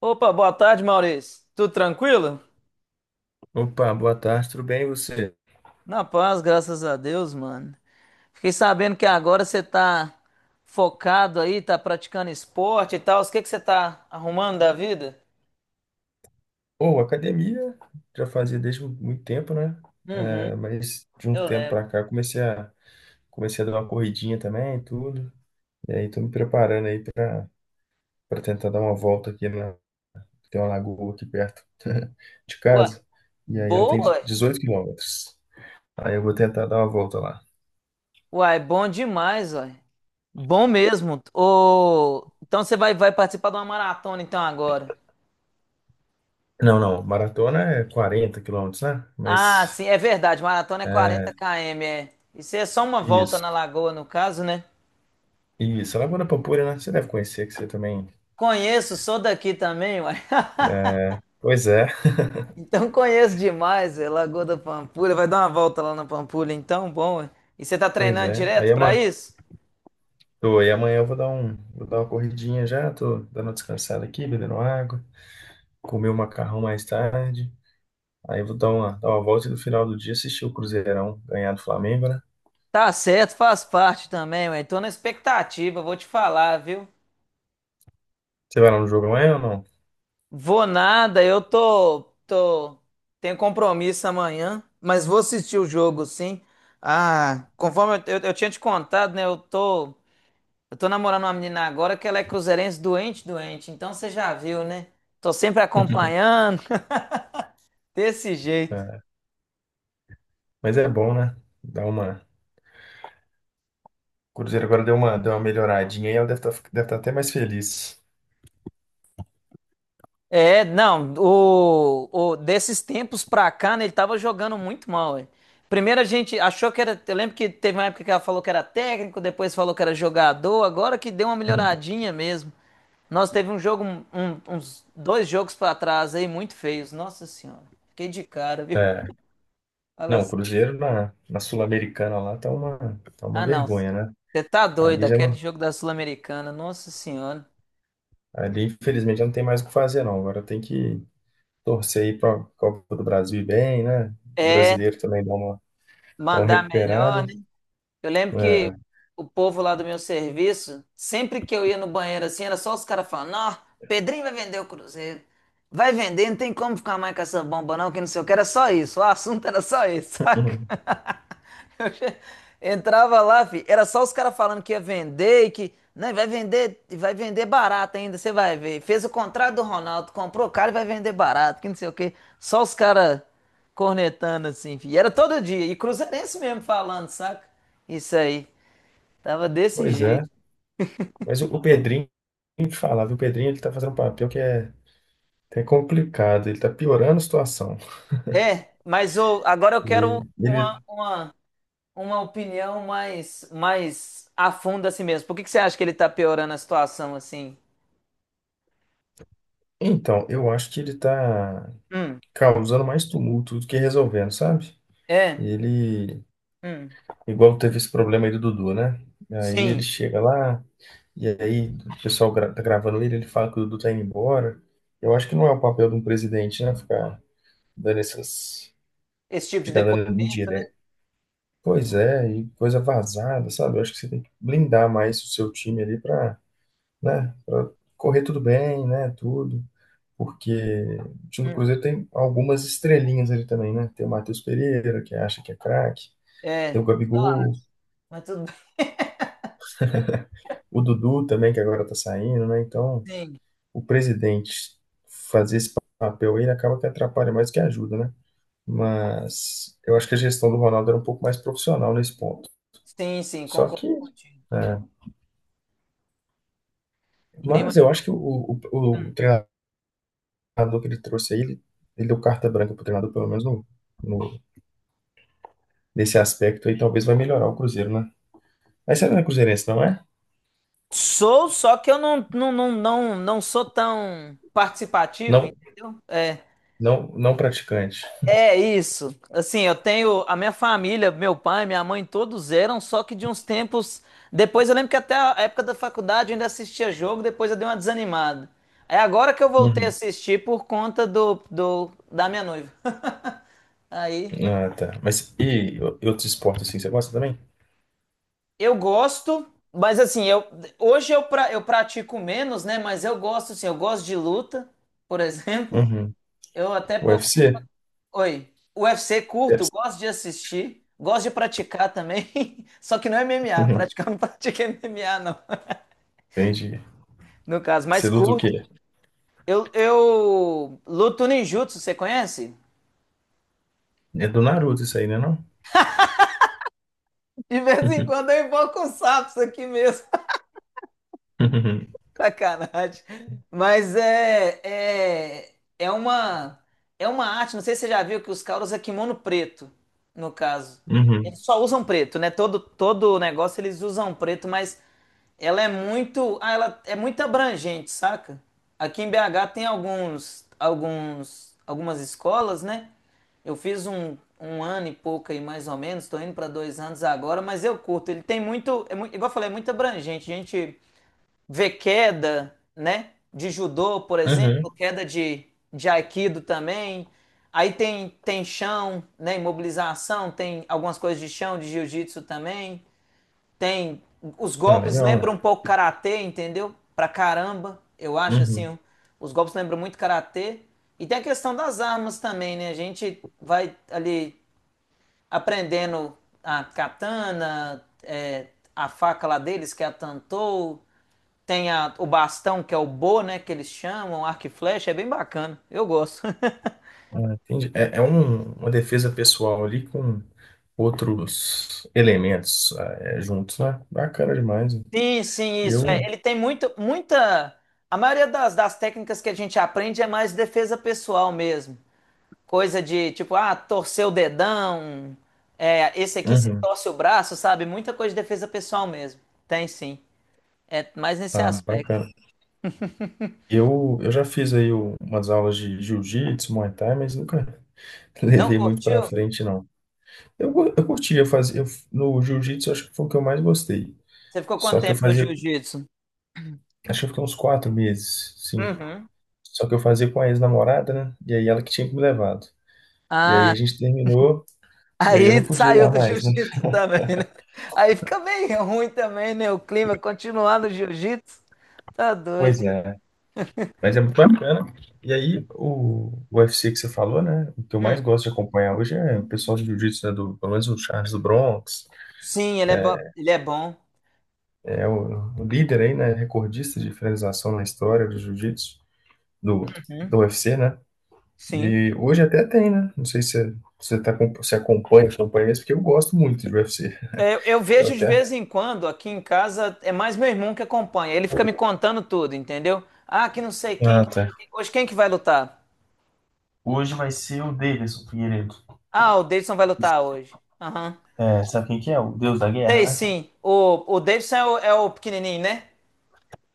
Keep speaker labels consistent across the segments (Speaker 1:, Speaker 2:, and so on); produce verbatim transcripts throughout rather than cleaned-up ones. Speaker 1: Opa, boa tarde, Maurício. Tudo tranquilo?
Speaker 2: Opa, boa tarde, tudo bem e você?
Speaker 1: Na paz, graças a Deus, mano. Fiquei sabendo que agora você tá focado aí, tá praticando esporte e tal. O que que você tá arrumando da vida?
Speaker 2: Pô, academia já fazia desde muito tempo, né?
Speaker 1: Uhum,
Speaker 2: É, mas de um
Speaker 1: eu
Speaker 2: tempo
Speaker 1: lembro.
Speaker 2: pra cá comecei a comecei a dar uma corridinha também, e tudo. E aí tô me preparando aí pra para tentar dar uma volta aqui na tem uma lagoa aqui perto de
Speaker 1: Uai,
Speaker 2: casa. E aí ela tem
Speaker 1: boa!
Speaker 2: dezoito quilômetros. Aí eu vou tentar dar uma volta lá.
Speaker 1: Uai, bom demais, uai. Bom mesmo. Ô, então você vai, vai participar de uma maratona então agora.
Speaker 2: Não, não, maratona é quarenta quilômetros, né?
Speaker 1: Ah,
Speaker 2: Mas
Speaker 1: sim, é verdade. Maratona é quarenta quilômetros, é. Isso é só uma volta
Speaker 2: isso.
Speaker 1: na lagoa, no caso, né?
Speaker 2: Isso, a Lagoa da Pampulha, né? Você deve conhecer, que você também
Speaker 1: Conheço, sou daqui também, uai.
Speaker 2: é. Pois é,
Speaker 1: Então conheço demais, é Lagoa da Pampulha. Vai dar uma volta lá na Pampulha, então, bom. Ué. E você tá
Speaker 2: pois
Speaker 1: treinando
Speaker 2: é. Aí
Speaker 1: direto pra
Speaker 2: amanhã,
Speaker 1: isso?
Speaker 2: tô, aí amanhã eu vou dar um, vou dar uma corridinha já, tô dando uma descansada aqui, bebendo água, comer o macarrão mais tarde. Aí eu vou dar uma, dar uma volta e no final do dia assistir o Cruzeirão ganhar do Flamengo, né?
Speaker 1: Tá certo, faz parte também, ué. Tô na expectativa, vou te falar, viu?
Speaker 2: Você vai lá no jogo amanhã ou não?
Speaker 1: Vou nada, eu tô, tô, tenho compromisso amanhã, mas vou assistir o jogo, sim. Ah, conforme eu, eu, eu tinha te contado, né? Eu tô, eu tô namorando uma menina agora que ela é cruzeirense doente, doente. Então você já viu, né? Tô sempre acompanhando, desse jeito.
Speaker 2: É. Mas é bom, né? Dá uma. O Cruzeiro agora deu uma, deu uma melhoradinha e ela deve estar deve tá até mais feliz.
Speaker 1: É, não, o, o- desses tempos pra cá, né, ele tava jogando muito mal, velho. Primeiro a gente achou que era, eu lembro que teve uma época que ela falou que era técnico, depois falou que era jogador, agora que deu uma melhoradinha mesmo. Nós teve um jogo, um- um, uns dois jogos pra trás aí muito feios, nossa senhora. Fiquei de cara, viu?
Speaker 2: É.
Speaker 1: Fala
Speaker 2: Não, o
Speaker 1: assim,
Speaker 2: Cruzeiro na, na Sul-Americana lá tá uma, tá uma
Speaker 1: ah não,
Speaker 2: vergonha, né?
Speaker 1: você tá doido,
Speaker 2: Ali já
Speaker 1: aquele
Speaker 2: não,
Speaker 1: jogo da Sul-Americana, nossa senhora.
Speaker 2: ali infelizmente já não tem mais o que fazer, não. Agora tem que torcer aí para a Copa do Brasil ir bem, né? O
Speaker 1: É,
Speaker 2: brasileiro também dá uma, dá uma
Speaker 1: mandar
Speaker 2: recuperada.
Speaker 1: melhor, né? Eu lembro que
Speaker 2: É.
Speaker 1: o povo lá do meu serviço, sempre que eu ia no banheiro assim, era só os caras falando: Ó, Pedrinho vai vender o Cruzeiro. Vai vender, não tem como ficar mais com essa bomba, não, que não sei o que. Era só isso. O assunto era só isso, saca?
Speaker 2: Uhum.
Speaker 1: Entrava lá, fi, era só os caras falando que ia vender e que né, vai vender, e vai vender barato ainda, você vai ver. Fez o contrato do Ronaldo, comprou o cara e vai vender barato, que não sei o quê. Só os caras cornetando assim, fi. E era todo dia. E cruzeirense mesmo falando, saca? Isso aí. Tava desse
Speaker 2: Pois é.
Speaker 1: jeito.
Speaker 2: Mas o, o Pedrinho, tem que falar, viu? O Pedrinho ele tá fazendo um papel que é, que é complicado, ele tá piorando a situação.
Speaker 1: É, mas o, agora eu quero
Speaker 2: E ele,
Speaker 1: uma, uma, uma opinião mais, mais a fundo assim mesmo. Por que que você acha que ele tá piorando a situação assim?
Speaker 2: então, eu acho que ele tá
Speaker 1: Hum,
Speaker 2: causando mais tumulto do que resolvendo, sabe?
Speaker 1: é,
Speaker 2: Ele,
Speaker 1: hum.
Speaker 2: Igual teve esse problema aí do Dudu, né? Aí ele
Speaker 1: Sim.
Speaker 2: chega lá. E aí, o pessoal gra tá gravando ele, ele fala que o Dudu tá indo embora. Eu acho que não é o papel de um presidente, né? Ficar dando essas.
Speaker 1: Esse tipo de
Speaker 2: Ficar dando
Speaker 1: depoimento, né?
Speaker 2: indireta. Pois é, e coisa vazada, sabe? Eu acho que você tem que blindar mais o seu time ali pra, né? Pra correr tudo bem, né? Tudo. Porque o time do
Speaker 1: Hum.
Speaker 2: Cruzeiro tem algumas estrelinhas ali também, né? Tem o Matheus Pereira, que acha que é craque. Tem o
Speaker 1: É, sei,
Speaker 2: Gabigol.
Speaker 1: mas tudo bem.
Speaker 2: O Dudu também, que agora tá saindo, né? Então,
Speaker 1: Sim,
Speaker 2: o presidente fazer esse papel aí, ele acaba que atrapalha mais que ajuda, né? Mas eu acho que a gestão do Ronaldo era um pouco mais profissional nesse ponto.
Speaker 1: sim, sim,
Speaker 2: Só
Speaker 1: concordo
Speaker 2: que,
Speaker 1: contigo.
Speaker 2: é,
Speaker 1: Bem
Speaker 2: mas
Speaker 1: mais
Speaker 2: eu acho que
Speaker 1: próximo.
Speaker 2: o, o,
Speaker 1: Hum.
Speaker 2: o treinador que ele trouxe aí, ele, ele deu carta branca pro treinador, pelo menos no, no- nesse aspecto aí, talvez vai melhorar o Cruzeiro, né? Mas você não é cruzeirense, não é?
Speaker 1: Sou, só que eu não, não, não, não, não sou tão participativo,
Speaker 2: Não,
Speaker 1: entendeu? É,
Speaker 2: não, não praticante.
Speaker 1: é isso. Assim, eu tenho a minha família, meu pai, minha mãe, todos eram, só que de uns tempos. Depois eu lembro que até a época da faculdade eu ainda assistia jogo, depois eu dei uma desanimada. É agora que eu voltei a
Speaker 2: Uhum.
Speaker 1: assistir por conta do, do, da minha noiva. Aí.
Speaker 2: Ah, tá. Mas e outros esportes assim, você gosta também?
Speaker 1: Eu gosto, mas assim, eu hoje eu, pra, eu pratico menos, né? Mas eu gosto, assim, eu gosto de luta, por exemplo.
Speaker 2: Uhum.
Speaker 1: Eu até pouco.
Speaker 2: U F C?
Speaker 1: Oi. U F C curto, gosto de assistir, gosto de praticar também. Só que não é M M A,
Speaker 2: Uhum.
Speaker 1: praticar não pratico M M A, não.
Speaker 2: Entendi.
Speaker 1: No caso, mais
Speaker 2: Você luta o
Speaker 1: curto.
Speaker 2: quê?
Speaker 1: Eu, eu luto ninjutsu, você conhece?
Speaker 2: É do Naruto isso aí, né, não?
Speaker 1: De vez em quando eu invoco os sapos aqui mesmo.
Speaker 2: Uhum.
Speaker 1: Sacanagem. Mas é, é, é uma é uma arte, não sei se você já viu que os caras usam kimono preto, no caso.
Speaker 2: Uhum.
Speaker 1: Eles
Speaker 2: Uhum.
Speaker 1: só usam preto, né? Todo todo negócio eles usam preto, mas ela é muito, ah, ela é muito abrangente, saca? Aqui em B H tem alguns alguns algumas escolas, né? Eu fiz um, um ano e pouco aí, mais ou menos, estou indo para dois anos agora, mas eu curto. Ele tem muito, é mui- igual eu falei, é muito abrangente. Gente ver queda, né? De judô, por exemplo,
Speaker 2: Uhum.
Speaker 1: queda de, de aikido também. Aí tem, tem chão, né? Imobilização, tem algumas coisas de chão, de jiu-jitsu também. Tem. Os
Speaker 2: Ah,
Speaker 1: golpes
Speaker 2: legal,
Speaker 1: lembram
Speaker 2: né?
Speaker 1: um pouco karatê, entendeu? Pra caramba, eu acho
Speaker 2: Uhum.
Speaker 1: assim. Os golpes lembram muito karatê. E tem a questão das armas também, né? A gente vai ali aprendendo a katana, é, a faca lá deles, que é a tantou. Tem a- o bastão, que é o bo, né, que eles chamam, arco e flecha, é bem bacana. Eu gosto.
Speaker 2: Ah, entendi. É, é um- uma defesa pessoal ali com outros elementos ah, é, juntos, né? Bacana demais, né?
Speaker 1: Sim, sim, isso. É,
Speaker 2: Eu.
Speaker 1: ele tem muito, muita. A maioria das, das técnicas que a gente aprende é mais defesa pessoal mesmo. Coisa de tipo, ah, torcer o dedão. É, esse aqui você
Speaker 2: Uhum.
Speaker 1: torce o braço, sabe? Muita coisa de defesa pessoal mesmo. Tem sim. É mais nesse
Speaker 2: Ah,
Speaker 1: aspecto.
Speaker 2: bacana. Eu, eu já fiz aí o- umas aulas de jiu-jitsu, Muay Thai, mas nunca
Speaker 1: Não
Speaker 2: levei muito pra
Speaker 1: curtiu?
Speaker 2: frente, não. Eu, go- eu curtia fazer. Eu- no jiu-jitsu, eu acho que foi o que eu mais gostei.
Speaker 1: Você ficou quanto
Speaker 2: Só que eu
Speaker 1: tempo no
Speaker 2: fazia.
Speaker 1: jiu-jitsu?
Speaker 2: Acho que eu fiquei uns quatro meses, cinco.
Speaker 1: Uhum.
Speaker 2: Só que eu fazia com a ex-namorada, né? E aí ela que tinha que me levado. E aí
Speaker 1: Ah,
Speaker 2: a gente terminou, e aí eu
Speaker 1: aí
Speaker 2: não podia ir
Speaker 1: saiu
Speaker 2: lá
Speaker 1: do
Speaker 2: mais, né?
Speaker 1: jiu-jitsu também, né? Aí fica bem ruim também, né? O clima continuar no jiu-jitsu. Tá
Speaker 2: Pois
Speaker 1: doido.
Speaker 2: é. Mas é muito bacana. E aí o, o U F C que você falou, né? O que eu mais
Speaker 1: Hum.
Speaker 2: gosto de acompanhar hoje é o pessoal de jiu-jitsu, né? Do, pelo menos o Charles do Bronx.
Speaker 1: Sim, ele é bom. Ele é bom.
Speaker 2: É o, o líder aí, né? Recordista de finalização na história do jiu-jitsu, do, do U F C, né?
Speaker 1: Sim.
Speaker 2: E hoje até tem, né? Não sei se você, você, tá, com- se acompanha, acompanha isso, porque eu gosto muito de U F C.
Speaker 1: Eu, eu
Speaker 2: Eu
Speaker 1: vejo de
Speaker 2: até.
Speaker 1: vez em quando aqui em casa, é mais meu irmão que acompanha. Ele fica me contando tudo, entendeu? Ah, que não sei quem.
Speaker 2: Ah,
Speaker 1: Que
Speaker 2: tá.
Speaker 1: Hoje quem que vai lutar?
Speaker 2: Hoje vai ser o Davidson Figueiredo.
Speaker 1: Ah, o Davidson vai lutar hoje. Aham.
Speaker 2: É, sabe quem que é? O deus da guerra,
Speaker 1: Sei
Speaker 2: né?
Speaker 1: sim. O, o Davidson é o, é o pequenininho, né?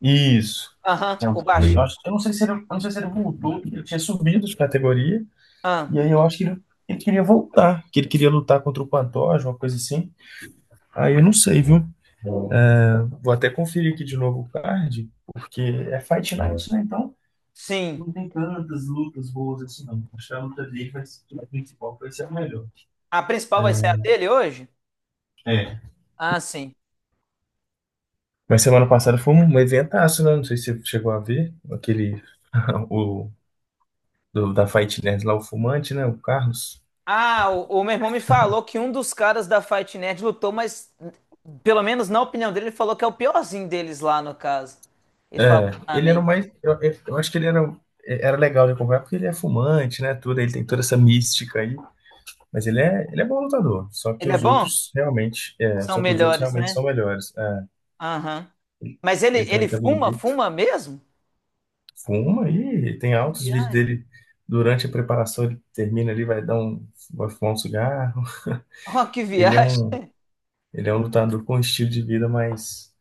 Speaker 2: Isso.
Speaker 1: Aham.
Speaker 2: É o-
Speaker 1: O
Speaker 2: Eu, Legal.
Speaker 1: baixinho.
Speaker 2: acho, eu não sei se ele, eu não sei se ele voltou, porque ele tinha subido de categoria,
Speaker 1: Ah,
Speaker 2: e aí eu acho que ele, ele queria voltar, que ele queria lutar contra o Pantoja, uma coisa assim. Aí eu não sei, viu? É, vou até conferir aqui de novo o card, porque é Fight Night, né? Então
Speaker 1: sim.
Speaker 2: não tem tantas lutas boas assim, não. Acho que a luta dele vai ser, a principal vai ser a melhor.
Speaker 1: A principal vai ser a
Speaker 2: É,
Speaker 1: dele hoje?
Speaker 2: é,
Speaker 1: Ah, sim.
Speaker 2: Mas semana passada foi um um eventaço, né? Não sei se você chegou a ver aquele o do- da Fight Nerd lá, o fumante, né? O Carlos.
Speaker 1: Ah, o, o meu irmão me falou que um dos caras da Fight Nerd lutou, mas pelo menos na opinião dele, ele falou que é o piorzinho deles lá no caso. Ele falou
Speaker 2: É,
Speaker 1: pra
Speaker 2: ele era o
Speaker 1: mim.
Speaker 2: mais. Eu, eu- eu acho que ele era, era legal de acompanhar porque ele é fumante, né? Tudo, ele tem toda essa mística aí. Mas ele é, ele é bom lutador. Só que
Speaker 1: Ele é
Speaker 2: os
Speaker 1: bom?
Speaker 2: outros realmente. É,
Speaker 1: São
Speaker 2: só que os outros
Speaker 1: melhores,
Speaker 2: realmente
Speaker 1: né?
Speaker 2: são melhores. É,
Speaker 1: Aham. Mas ele,
Speaker 2: ele também
Speaker 1: ele
Speaker 2: estava
Speaker 1: fuma,
Speaker 2: invicto.
Speaker 1: fuma mesmo?
Speaker 2: Fuma e tem
Speaker 1: Que
Speaker 2: altos vídeos
Speaker 1: viagem.
Speaker 2: dele durante a preparação. Ele termina ali, vai dar um, vai fumar um cigarro.
Speaker 1: Oh, que
Speaker 2: Ele é um.
Speaker 1: viagem.
Speaker 2: Ele é um lutador com um estilo de vida mais,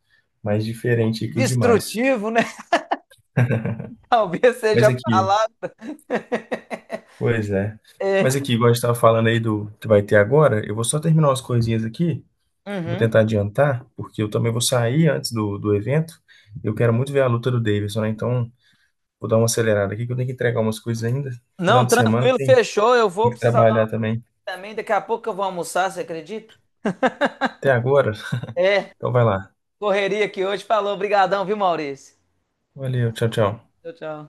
Speaker 2: mais diferente que os demais.
Speaker 1: Destrutivo, né? Talvez seja
Speaker 2: Mas
Speaker 1: a
Speaker 2: aqui,
Speaker 1: palavra.
Speaker 2: pois é.
Speaker 1: É.
Speaker 2: Mas aqui, igual a gente estava falando aí do que vai ter agora, eu vou só terminar umas coisinhas aqui. Vou
Speaker 1: Uhum.
Speaker 2: tentar adiantar, porque eu também vou sair antes do, do evento. Eu quero muito ver a luta do Davidson, né? Então, vou dar uma acelerada aqui, que eu tenho que entregar umas coisas ainda. Final
Speaker 1: Não,
Speaker 2: de semana
Speaker 1: tranquilo,
Speaker 2: tem,
Speaker 1: fechou. Eu vou
Speaker 2: tem que
Speaker 1: precisar dar
Speaker 2: trabalhar
Speaker 1: uma
Speaker 2: também.
Speaker 1: também. Daqui a pouco eu vou almoçar, você acredita?
Speaker 2: Até agora.
Speaker 1: É.
Speaker 2: Então, vai lá.
Speaker 1: Correria aqui hoje. Falou, brigadão, viu, Maurício?
Speaker 2: Valeu, tchau, tchau.
Speaker 1: Tchau, tchau.